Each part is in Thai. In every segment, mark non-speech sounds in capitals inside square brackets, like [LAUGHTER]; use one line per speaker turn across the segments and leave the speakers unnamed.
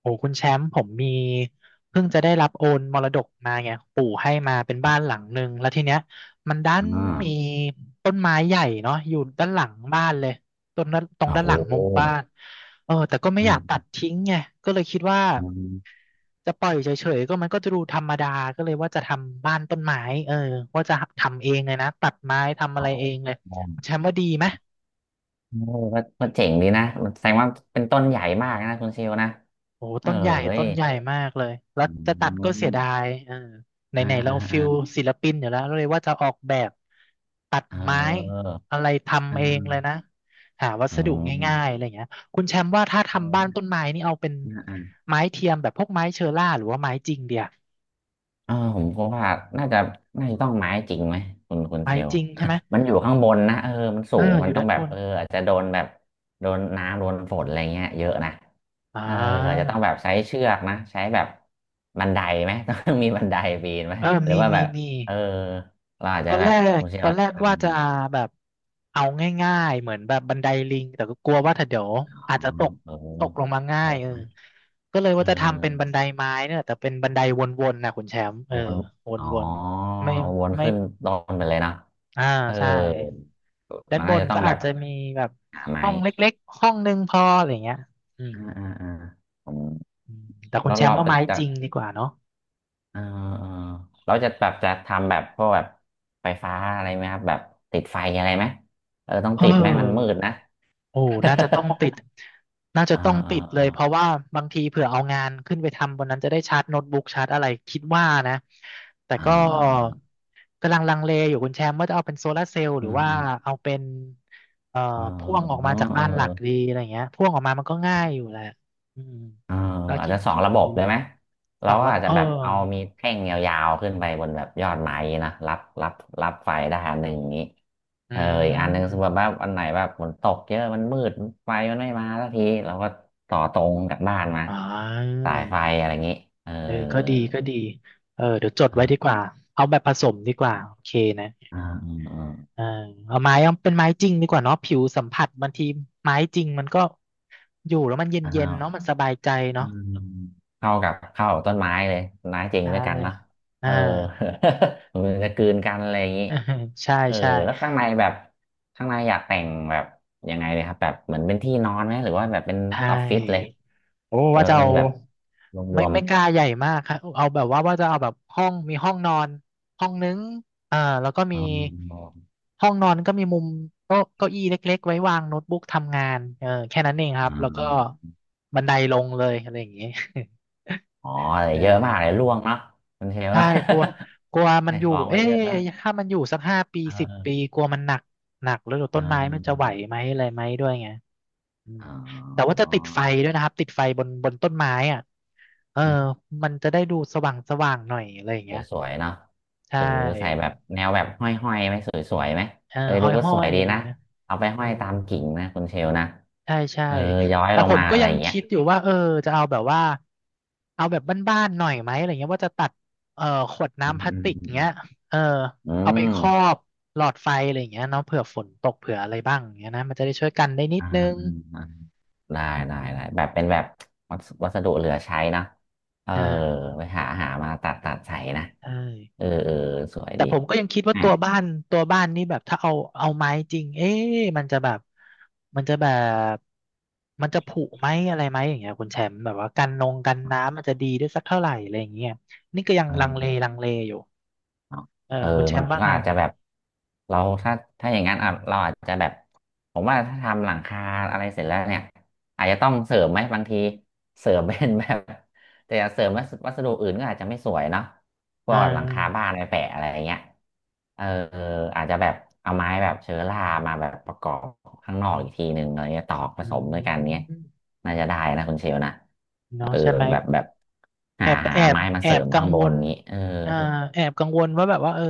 โอ้คุณแชมป์ผมมีเพิ่งจะได้รับโอนมรดกมาไงปู่ให้มาเป็น
ค
บ้า
รั
นหลั
บ
งหนึ่งแล้วทีเนี้ยมันด้าน
อ่า
มีต้นไม้ใหญ่เนาะอยู่ด้านหลังบ้านเลยต้นด้านตรง
อ่า
ด้านห
โอ้
ลัง
โห
มุมบ้านเออแต่ก็ไม่
อ
อยากตัด
่า
ทิ้งไงก็เลยคิดว่า
อืม
จะปล่อยเฉยๆก็มันก็จะดูธรรมดาก็เลยว่าจะทำบ้านต้นไม้เออว่าจะทำเองเลยนะตัดไม้ทำอะ
โอ้
ไรเองเลย
โห
คุณแชมป์ว่าดีไหม
เออก็เจ๋งดีนะ แสดงว่าเป็นต้นใหญ่มากนะคุณเชลนะ
โอ้
เออ
ต้นใหญ่
เอ้ย
ต้นใหญ่มากเลยแล้ว
อื
จะตัดก็เสียดาย
ม
เออไห
อ่า
นๆเรา
อ่า
ฟิ
อ่า
ลศิลปินอยู่แล้วเราเลยว่าจะออกแบบตัด
เ
ไม้
ออ
อะไร
อ่า
ทำเอ
อ่า
งเลยนะหาวั
เอ
สดุง่าย
อ
ๆอะไรอย่างเงี้ยคุณแชมป์ว่าถ้า
เ
ทำบ้านต้
อ
นไม้นี่เอาเป็น
อ
ไม้เทียมแบบพวกไม้เชอร่าหรือว่าไม้จริงเดียว
เออผมก็ว่าน่าจะน่าจะต้องไม้จริงไหมคุณเช
ไม้
ล
จริงใช่ไหม
[LAUGHS] มันอยู่ข้างบนนะมันสู
เออ
ง
อ
มัน
ยู่
ต้อ
ด้า
ง
น
แบ
บ
บ
น
อาจจะโดนแบบโดนน้ำโดนฝนอะไรเงี้ยเยอะนะ
อ่า
เอออาจจะต้องแบบใช้เชือกนะใช้แบบบันไดไหม [LAUGHS] ต้องมีบันไดปีนไหม
เออ
หรื
มี
อว่า
มี
แบบ
มี
เออเราอาจ
ต
จะ
อน
แบ
แร
บ
ก
คุณเช
ต
ล
อน
อาจ
แร
จะ
ก
ทำ
ว่าจะแบบเอาง่ายๆเหมือนแบบบันไดลิงแต่ก็กลัวว่าถ้าเดี๋ยว
อ๋อ
อาจจะตก
เออ
ตกลงมาง่า
ต
ย
ก
เออ
นะ
ก็เลย
เออ
ว่าจะทำเป็นบันไดไม้เนี่ยแต่เป็นบันไดวนๆนะคุณแชมป์เออ
วนอ๋อ
วนๆไม่
วน
ไม่
ขึ้นต้นไปเลยนะ
อ่า
เออ
ใช่ด้า
มั
น
น
บ
น่า
น
จะต้อ
ก็
งแบ
อาจ
บ
จะมีแบบ
หาไม้
ห้องเล็กๆห้องหนึงพออะไรเงี้ยอืม
อ่าอ่าอ่าผม
แต่คุณ
เรา
แชม
เรา
ป์เอาไม้
จะ
จริงดีกว่าเนาะ
เออเออเราจะแบบจะทำแบบพวกแบบไฟฟ้าอะไรไหมครับแบบติดไฟอะไรไหม ต้อง
เออ
ติดไหมมันมืดนะ
โอ้น่าจะต้องติดน่า
[LAUGHS]
จะ
อ่า
ต้อง
อ่า
ติดเล
อ่า
ยเพราะว่าบางทีเผื่อเอางานขึ้นไปทำบนนั้นจะได้ชาร์จโน้ตบุ๊กชาร์จอะไรคิดว่านะแต่
อ่
ก็
า
กำลังลังเลอยู่คุณแชมป์ว่าจะเอาเป็นโซลาร์เซลล์ห
อื
รือ
ม
ว่า
อืม
เอาเป็นเอ่อ
เออ
พ่วงออก
เออ
มาจาก
เอ
บ้า
อ
นหลักดีอะไรเงี้ยพ่วงออกมามันก็ง่ายอยู่แหละอืม
เออ
ก็
อาจ
คิด
จะสอง
คิด
ระบ
อ
บ
ยู่
เลยไหม
ส
เรา
อง
ก็
ระบ
อาจ
บ
จะ
เออ
แบบเอามีแท่งยาวๆขึ้นไปบนแบบยอดไม้นะรับรับไฟได้อันหนึ่งอย่างนี้
อื
อีกอันหนึ่งสมมติ
ม
ว่าอันไหนแบบฝนตกเยอะมันมืดไฟมันไม่มาสักทีเราก็ต่อตรงจากบ้านมา
อ่า
สายไฟอะไรอย่างนี้เออ
เออก็ดีก็ดีเออเดี๋ยวจดไว้ดี
อ่า
กว่าเอาแบบผสมดีกว่าโอเคนะ
อ่าอ่า
เอาเอาไม้เอาเป็นไม้จริงดีกว่าเนาะผิวสัมผัสบางทีไม้จริงมันก็อยู่แล้วมัน
อ่า
เย็นๆเนาะมันสบายใจ
อื
เนาะ
มเข้ากับเข้ากับต้นไม้เลยต้นไม้จริง
ได้
ด้วยกันเนอะเอ
อ่า
อ [LAUGHS] มันจะกลืนกันอะไรอย่างนี้
[LAUGHS] ใช่
เออ
ใช่
แล้วข้างในแบบข้างในอยากแต่งแบบยังไงเลยครับแบบเหมือนเป็นที่นอนไหมหรือว่าแบบเป็น
ใช
ออฟฟิศเลย
่โอ้
หรือ
ว่าจะ
ว่า
เอา
เป็นแบบร
ไม่
วม
ไม่กล้าใหญ่มากครับเอาแบบว่าว่าจะเอาแบบห้องมีห้องนอนห้องนึงอ่าแล้วก็
ๆ
มี
อ๋อ
ห้องนอนก็มีมุมโต๊ะเก้าอี้เล็กๆไว้วางโน้ตบุ๊กทำงานเออแค่นั้นเองครับแล้วก็บันไดลงเลยอะไรอย่างเงี้ย
อ๋อ
[LAUGHS]
แต่
เออ
เยอะมากเลยร่วงเนาะมันเทล
ใช่
นะ
กลัวกลัว
[LAUGHS]
มัน
ใส่
อ
ข
ยู่
องไป
เอ๊
เยอะ
ะ
นะ
ถ้ามันอยู่สักห้าปี
เอ
สิบปี
อ
กลัวมันหนักหนักแล้วเดี๋ยว
เอ
ต้นไม้มันจะไหว
อ
ไหมอะไรไหมด้วยไงอืม
อ๋
แต่ว่า
อ
จะติดไฟด้วยนะครับติดไฟบนต้นไม้อ่ะเออมันจะได้ดูสว่างสว่างหน่อยอะไรอย่าง
ส
เงี้ย
วยๆเนาะ
ใช
หรือใส่
่
แบบแนวแบบห้อยๆไหมสวยๆไหม
เออห้
ดู
อย
ก็
ห้อ
สวย
ย
ดี
อะไรอ
นะ
ย่างเงี้ย
เอาไป
เออ
ห้อยตามกิ่งนะคุณเชลนะ
ใช่ใช่
เออย้อย
แต่
ลง
ผม
มา
ก็
อะไร
ยั
อ
ง
ย่างเงี้ย
คิดอยู่ว่าเออจะเอาแบบว่าเอาแบบบ้านๆหน่อยไหมอะไรเงี้ยว่าจะตัดเอ่อขวด
อื
น้ำ
ม
พลาส
อืม
ติก
อื
เงี้
ม
ยเออ
อื
เอาไป
ม
ครอบหลอดไฟอะไรอย่างเงี้ยเนาะเผื่อฝนตกเผื่ออะไรบ้างอย่างเงี้ยนะมันจะได้ช่วยกันได้นิด
อ่า
นึง
อ่าอ่าได้
อื
ได้
ม
ได้แบบเป็นแบบวัสดุเหลือใช้นะเออ
อ่า
ไปหามาตัดใส่นะ
ใช่
เออสวย
แต่
ดี
ผมก็ยังคิดว่า
อ่ะ
ตัวบ้านนี่แบบถ้าเอาไม้จริงเอ๊ะมันจะแบบมันจะผุไหมอะไรไหมอย่างเงี้ยคุณแชมป์แบบว่ากันนงกันน้ำมันจะดีได้สักเท่าไหร่อะไรอย่างเงี้ยนี่ก็ยังลังเล
เออ
ลังเลอยู่
เนาะ
เออ
เออ
คุณแช
มัน
มป์ว่า
ก็
ไง
อาจจะแบบเราถ้าถ้าอย่างนั้นอ่ะเราอาจจะแบบผมว่าถ้าทำหลังคาอะไรเสร็จแล้วเนี่ยอาจจะต้องเสริมไหมบางทีเสริมเป็นแบบแต่เสริมวัสดุอื่นก็อาจจะไม่สวยเนาะพว
อ่า
กแบบหลังคาบ้านไปแปะอะไรอย่างเงี้ยเอออาจจะแบบเอาไม้แบบเชื้อรามาแบบประกอบข้างนอกอีกทีหนึ่งอะไรเงี้ยตอกผ
อื
สมด้วยกันเนี้ย
ม
น่าจะได้นะคุณเชลนะเอ
เนาะ
อ
ใช่ไหม
แบบแบบ
แอ
หา
บ
หา
แอบ
ไม้มา
แอ
เสริ
บ
ม
กั
ข้า
ง
งบ
ว
น
ล
นี้เออ
อ่าแอบกังวลว่าแบบว่าเออ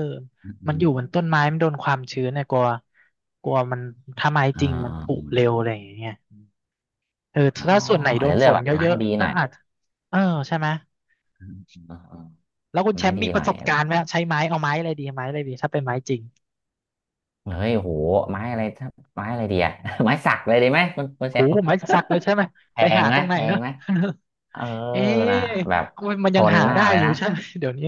มันอยู่บนต้นไม้มันโดนความชื้นเนี่ยกลัวกลัวมันถ้าไม้
อ่า
จริงมันผุเร็ว
อ
อะไรอย่างเงี้ย เออ
อ๋อ
ถ้าส่วนไหนโด
อาจ
น
จะเลื
ฝ
อก
น
แบบ
เย
ไม้
อะ
ดี
ๆ
ห
ก็
น่อย
อาจเออใช่ไหม
อ่าอ่า
แล้วคุณแช
ไม้
มป์
ดี
มีป
หน่
ระ
อย
สบ
อะไร
การณ์ไหมใช้ไม้เอาไม้อะไรดีไม้อะไรดีถ้าเป็นไม้จริง
เฮ้ยโหไม้อะไรถ้าไม้อะไรดีอะ [LAUGHS] ไม้สักเลยดีไหมคุณ
โห
เชล
ไม้สักเลยใช่ไหม
[LAUGHS] แพ
ไป
ง
หา
ไห
ต
ม
รงไหน
แพ
เน
ง
อะ
ไหมเออ
[LAUGHS] เอ๊
นะ
ะ
แบบ
มัน
ท
ยัง
น
หา
มา
ได้
กเลย
อยู่
นะ
ใช่ไหม [LAUGHS] เดี๋ยวนี้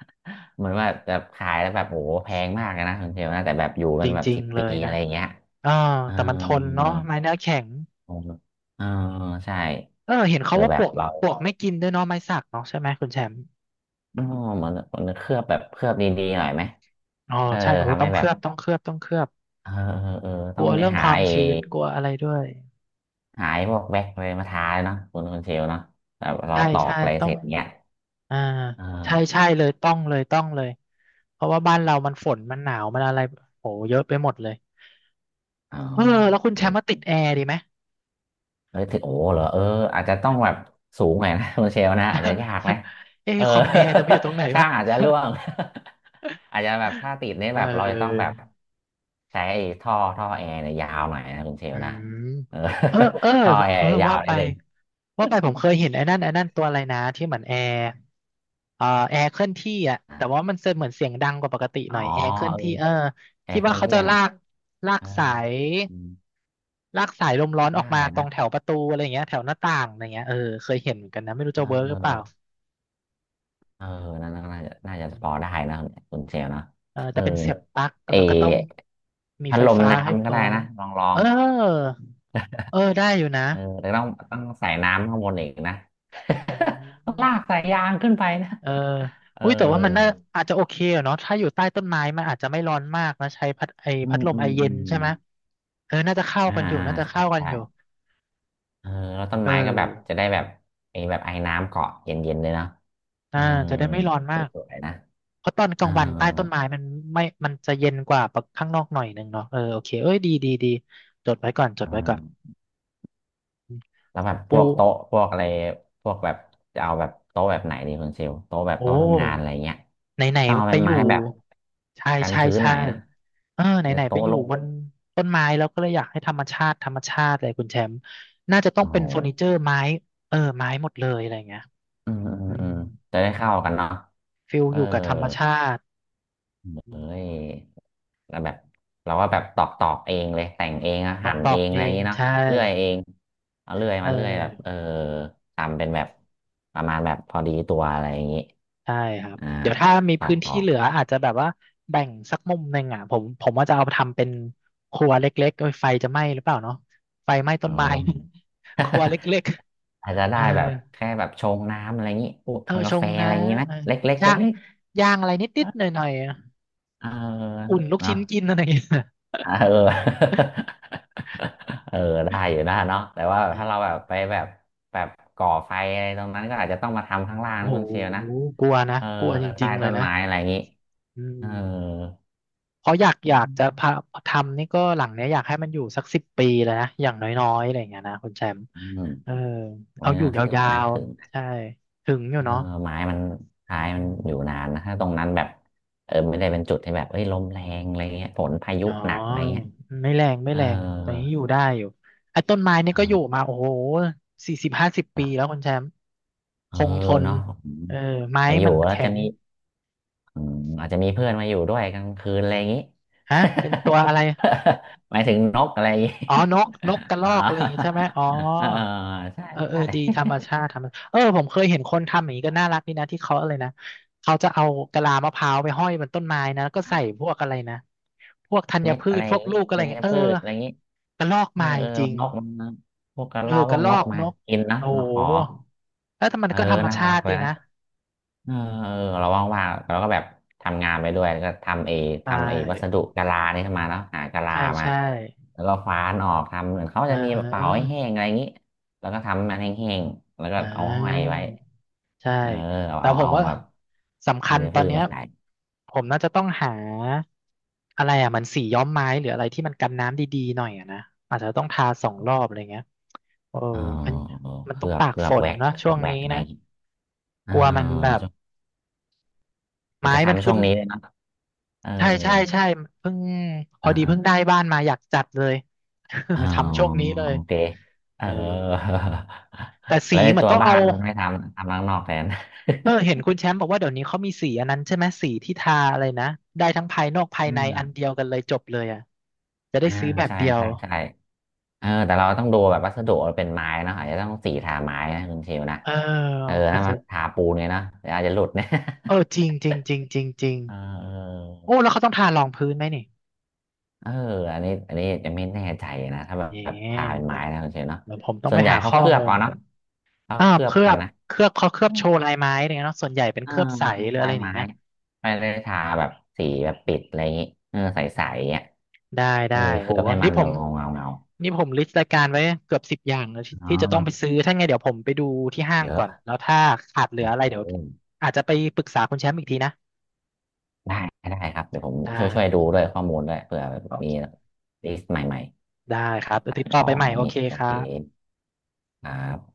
[LAUGHS] เหมือนว่าแบบขายแล้วแบบโหแพงมากเลยนะคุณเชลนะ แต่แบบอยู่
จ
เป็นแบบ
ริง
สิบ
ๆเล
ปี
ย
อะ
นะ
ไรอย่างเงี้ย
เออ
เออ
แต่มันทนเนาะไม้เนื้อแข็ง
เออเออใช่
เออเห็นเขาว่า
แบ
ปล
บ
วก
เรา
ปลวกไม่กินด้วยเนาะไม้สักเนาะใช่ไหมคุณแชมป์
อ๋อมันมันเคลือบแบบเคลือบดีๆหน่อยไหม
อ๋อ
เออ
ใช่โอ้
ทำ
ต้อ
ให้
งเค
แบ
ลื
บ
อบต้องเคลือบต้องเคลือบ
เออเออเออ
ก
ต้อ
ลั
ง
ว
ไป
เรื่อง
หา
ความ
ไอ้
ชื้นกลัวอะไรด้วย
หาไอ้พวกแว็กอะไรมาทาเลยเนาะคุณเชลเนาะแบบเรา
ใช่
ตอ
ใช่
กอะไร
ต้อ
เส
ง
ร็จเนี้ย
อ่า
เอ
ใช่
อ
ใช่เลยต้องเลยต้องเลยเพราะว่าบ้านเรามันฝนมันหนาวมันอะไรโหเยอะไปหมดเลย
เออ
เออแล้วคุณ
เออ
แชมป์มาติดแอร์ดีไหม
เฮ้ยถึงโอ้เหรออาจจะต้องแบบสูงหน่อยนะ [LAUGHS] คุณเชลนะอาจจะยากนะ
[LAUGHS] เอ้
เออ
คอมแอร์แต่ไปอยู่ตรงไหน
[LAUGHS] ช่า
วะ
งอาจจะร่วง [LAUGHS] อาจจะแบบถ้า
[LAUGHS]
ติดเนี่ย
เอ
แบบเราจะต้องแบบ
อ
ใช้ไอ้ท่อแอร์เนี่ยยาวหน่อยนะคุณเช
อื
ลนะ
ม
เออ
เออเออ
[LAUGHS] ท่อแอ
เออ
ร์ยา
ว่า
ว
ไป
นิดนึง
ว่าไปผมเคยเห็นไอ้นั่นตัวอะไรนะที่เหมือนแอร์แอร์เคลื่อนที่อ่ะแต่ว่ามันเหมือนเสียงดังกว่าปกติห
อ๋
น่
อ
อยแอร์เคลื่อนที่เออ
เออแอ
ที่
ร์เค
ว่า
รื่อง
เขา
เที่
จะ
ยง
ลากลาก
เออ
สาย
อืม
ลากสายลมร้อนออ
ได้
กมาตร
นะ
งแถวประตูอะไรอย่างเงี้ยแถวหน้าต่างอะไรเงี้ยเออเคยเห็นเหมือนกันนะไม่รู้
เ
จะเวิร์กหรือเปล่า
ออเออน่าจะ
อื
พอ
ม
ได้นะคุณเชลนะ
เออ
เอ
แต่
อ
เป็นเสียบปลั๊ก
เออ
แล้วก็ต้องมี
พัด
ไฟ
ลม
ฟ้าให้พ
น้ำก็
ร้อ
ได้
ม
นะลองลอ
เอ
ง
อเออได้อยู่นะ
แต่ต้องต้องใส่น้ำข้างบนอีกนะ
อื
[LAUGHS] ต้อง
ม
ลากสายยางขึ้นไปนะ
เออ
เออ
อุ้ยแต่ว่ามันน่าอาจจะโอเคอะเนาะถ้าอยู่ใต้ต้นไม้มันอาจจะไม่ร้อนมากนะใช้พัดไอ
อื
พัด
ม
ลม
อื
ไอ
ม
เย็
อื
นใช่
ม
ไหมเออน่าจะเข้า
อ่า
กันอยู่น่าจะ
ใช่
เข้ากันอยู่
ใช่เออแล้วต้น
เอ
ไม้ก็แบบจะ
อ
ได้แบบไอ้แบบไอ้น้ำเกาะเย็นๆเลยเนาะ
อ่า
อ
จะได้ไม่ร้อน
ส
มาก
วยๆนะ
เพราะตอนก
เอ
ลา
อ
งวันใต้ต้นไม้มันไม่มันจะเย็นกว่าข้างนอกหน่อยหนึ่งเนาะเออโอเคเอ้ยดีดีดีจดไว้ก่อนจด
เอ
ไว้ก่อน
อ แล้วแบบพ
โอ้
วกโต๊ะพวกอะไรพวกแบบจะเอาแบบโต๊ะแบบไหนดีคุณเชลโต๊ะแบบ
โอ้
โต๊ะทำงานอะไรเงี้ย
ไหน
ต้องเอา
ๆไป
เป็น
อยู่
ไม้แบบ
ใช่
กัน
ใช่
ชื้นห
ใช่
น่อยนะ
เออไห
เดี๋ย
น
ว
ๆไป
โต๊ะ
อยู่
โล่ง
บนต้นไม้แล้วก็เลยอยากให้ธรรมชาติธรรมชาติเลยคุณแชมป์น่าจะต้อง
โอ้
เป็
โห
นเฟอร์นิเจอร์ไม้เออไม้หมดเลยอะไรเงี้ย
อืมอื
อื
มอื
ม
มจะได้เข้ากันเนาะ
ฟิล
เออ
อยู่กับธรรมชาติอื
เอ้ย
ม
แล้วแบบเราก็แบบตอกเองเลยแต่งเองอะ
ต้อง
หั่น
ปล
เอ
อก
งอะ
เอ
ไรอย่าง
ง
งี้เนาะ
ใช่
เลื่อยเองเอาเลื่อย
เอ
มาเลื่อยแบบ
อ
ทำเป็นแบบประมาณแบบพอดีตัวอะไรอย่างงี้
ใช่ครับ
อ่า
เดี๋ยวถ้ามี
ตอ
พื้
ก
น
ตอ
ที่
ก
เหลืออาจจะแบบว่าแบ่งสักมุมหนึ่งอ่ะผมว่าจะเอาไปทำเป็นครัวเล็กๆเอ้ยไฟจะไหม้หรือเปล่าเนาะไฟไหม้ต้
เอ
น
อ
ไม้ [LAUGHS] ครัวเล็ก
[LAUGHS] อาจจะ
ๆเอ
ได้
อ
แบบแค่แบบชงน้ำอะไรอย่างนี้พวก
เออ
ทำ
ช
กาแฟ
ง
อะ
นะ
ไรอย่างนี้ไหม
เอ
เล็กเล็ก
อย่า
เล็ก
ง
เล็ก
ย่างอะไรนิดๆหน่อยๆอะ
ๆ
อุ่นลูก
เนาะ
ชิ้นกินอะไรอย่างเงี้ย
เออ [LAUGHS] เออได้อยู่นะเนาะแต่ว่า
เอ
ถ้าเราแบ
อ
บไปแบบแบบก่อไฟอะไรตรงนั้นก็อาจจะต้องมาทำข้างล่าง
โอ้
นะ
โห
คุณเชยวนะ
กลัวนะ
เออ
กลัวจ
ใต้
ริงๆเล
ต้
ย
น
นะ
ไม้อะไรอย่างนี้
อื
เออ
มเพราะอยากจะพาทำนี่ก็หลังเนี้ยอยากให้มันอยู่สักสิบปีเลยนะอย่างน้อยๆอะไรอย่างเงี้ยนะคุณแชมป์
อืม
เออ
วัน
เอาอ
นี้
ยู่ย
ถึง
า
นะ
ว
ถึงนะ
ๆใช่ถึงอยู่
เออ
เนาะ
ไม้มันท้าย
อื
มันอยู่
ม
นานนะถ้าตรงนั้นแบบเออไม่ได้เป็นจุดที่แบบเอ้ยลมแรงอะไรเงี้ยฝนพายุ
อ๋อ
หนักอะไรเงี้ย
ไม่แรงไม่
เออ
แรงตอนนี้อยู่ได้อยู่ไอ้ต้นไม้นี่
เอ
ก็อยู่
อ
มาโอ้โห40 50 ปีแล้วคุณแชมป์ค
เออ
งทน
เนาะอืม
เออไม้
ไปอ
มั
ยู่
น
แล้ว
แข็
จะ
ง
มีอืมอาจจะมีเพื่อนมาอยู่ด้วยกลางคืนอะไรอย่างนี้
ฮะเป็นตัวอะไร
[LAUGHS] หมายถึงนกอะไรอย่างนี้
อ๋อนกนกกระ
[LAUGHS]
ร
อ๋
อ
อ
กอะไรอย่างงี้ใช่ไหมอ๋อ
[LAUGHS] เออใช่
เออเออ
ใช่
ดีธรรมชาติธรรมเออผมเคยเห็นคนทำอย่างนี้ก็น่ารักดีนะที่เขาอะไรนะเขาจะเอากะลามะพร้าวไปห้อยบนต้นไม้นะแล้วก็ใส่พ
[LAUGHS]
วกอะไรนะพวกธัญ
เม็ด
พื
อะ
ช
ไรอ
พว
ย่าง
ก
นี้
ลูกอะไร
ธั
อย่างเงี้
ญ
ยเออ
พืชอะไรอย่างนี้
กระรอก
เออ
มา
เออ
จริง
นกมันพวกกระ
เออ
รอก
ก
พว
ระ
ก
รอ
นก
ก
มา
นก
กินนะ
โอ้โ
มาขอ
หแล้วแต่มัน
เออ
ก็ธรรม
น่า
ชา
รัก
ติ
เล
ดี
ยนะ
นะ
เออเออเราว่างๆเราก็แบบทำงานไปด้วยแล้วก็
ใช
ทำเอวัส
่
ดุกะลานี่ขึ้นมาเนาะหากะลา
ใช่
มา
ใช่
แล้วก็ฟ้านออกทำเหมือนเขา
อ่
จะมีแบบเป่า
า
ให้แห้งอะไรอย่างนี้แล้วก็ทำมันแห้งๆแล้วก็
อ่
เอาห้อย
า
ไว้
ใช่
เออเอา
แต่
เอา
ผม
เอา
ว่า
แบบ
สำ
อั
คั
น
ญ
นี้
ตอ
พื
น
ช
เนี้ย
มาใส่
ผมน่าจะต้องหาอะไรอ่ะเหมันสีย้อมไม้หรืออะไรที่มันกันน้ำดีๆหน่อยอ่ะนะอาจจะต้องทา2 รอบอะไรเงี้ยเออ
เออ
มันมั
เค
นต้
ลื
อง
อบ
ตากฝนเนอะ
เคลื
ช่
อ
ว
บ
ง
แว็
นี้
กอะไรอ
นะ
ย่างนี้เอ
ก
อ
ลัวมันแบบ
ช่วง
ไม้
จะ
มัน
ทำช่
ขึ้
ว
น
งนี้เลยเนาะเออ
ใช่ใช่ใช่เพิ่งพอดีเพิ่งได้
อ่า
บ้านมาอยากจัดเลย
อ๋อ
[LAUGHS] ทำช่วงนี้เล
โอ
ย
เคเอ
เออ
อ
แต่
[LAUGHS] แล้
สี
วใน
เหมือน
ตัว
ต้อง
บ้า
เอา
นไม่ทำทำข้างนอกแทน [LAUGHS]
เออเห็นคุณแชมป์บอกว่าเดี๋ยวนี้เขามีสีอันนั้นใช่ไหมสีที่ทาอะไรนะได้ทั้งภายนอกภายในอันเดียวกันเลยจบเลยอ่ะจะ
อ่า
ได้
อ่า
ซื้อแบบ
ใช่
เดียว
ใช่ใช่เออแต่เราต้องดูแบบวัสดุเราเป็นไม้เนอะอาจจะต้องสีทาไม้นะคุณเชลนะ
เออ
เออ
อาจ
ถ้ามั
จะ
นทาปูนเนี่ยเนอะเดี๋ยวอาจจะหลุดเนี่ย
เออจริง
[LAUGHS]
จริงจริงจริงจริง
เออ
โอ้แล้วเขาต้องทารองพื้นไหมนี่
เอออันนี้อันนี้จะไม่แน่ใจนะถ้าแบ
เนี่ย
บทาเป็น
เดี๋ย
ไม้
ว
นะคุณเชลเนาะ
เดี๋ยวผมต้อง
ส่
ไป
วนใหญ่
หา
เขา
ข้อ
เคลือบ
มูล
เอา
ก่
เนาะ
อน
เขา
อ่า
เค
ว
ลือ
เค
บ
ลือ
กัน
บ
นะ
เขาเคลือบโชว์ลายไม้อะไรเนี่ยเนาะส่วนใหญ่เป็น
เอ
เค
อ
ลือบใสหรือ
ป
อะ
ลา
ไร
ย
อย่าง
ไม้
เงี้ย
ไม่ได้ทาแบบสีแบบปิดอะไรอย่างงี้เออใสๆอ่ะ
ได้
เอ
ได้
อเค
โห
ลือบให้
นี่
มัน
ผ
เงา
ม
เงาเงา
นี่ผมลิสต์รายการไว้เกือบ10 อย่างแล้วที่
ๆอ๋อ
ที่จะต้องไปซื้อถ้าไงเดี๋ยวผมไปดูที่ห้าง
เยอะ
ก่อนแล้วถ้าขาดเหลื
โอ
ออะไร
เค
เดี๋ยวอาจจะไปปรึกษาคุณแชมป์อีกทีนะ
ได้ได้ครับเดี๋ยวผม
ได้
ช่วย
ครั
ดู
บ
ด้วยข้อมูลด้วยเผื่อ
โอ
มี
เค
ลิสต์ใหม่
ได้ครับเดี๋ยวติด
ๆ
ต่อ
ข
ไป
อง
ใหม่
อะไรอ
โอ
ย่าง
เค
งี้โอ
ครั
เค
บ
ครับ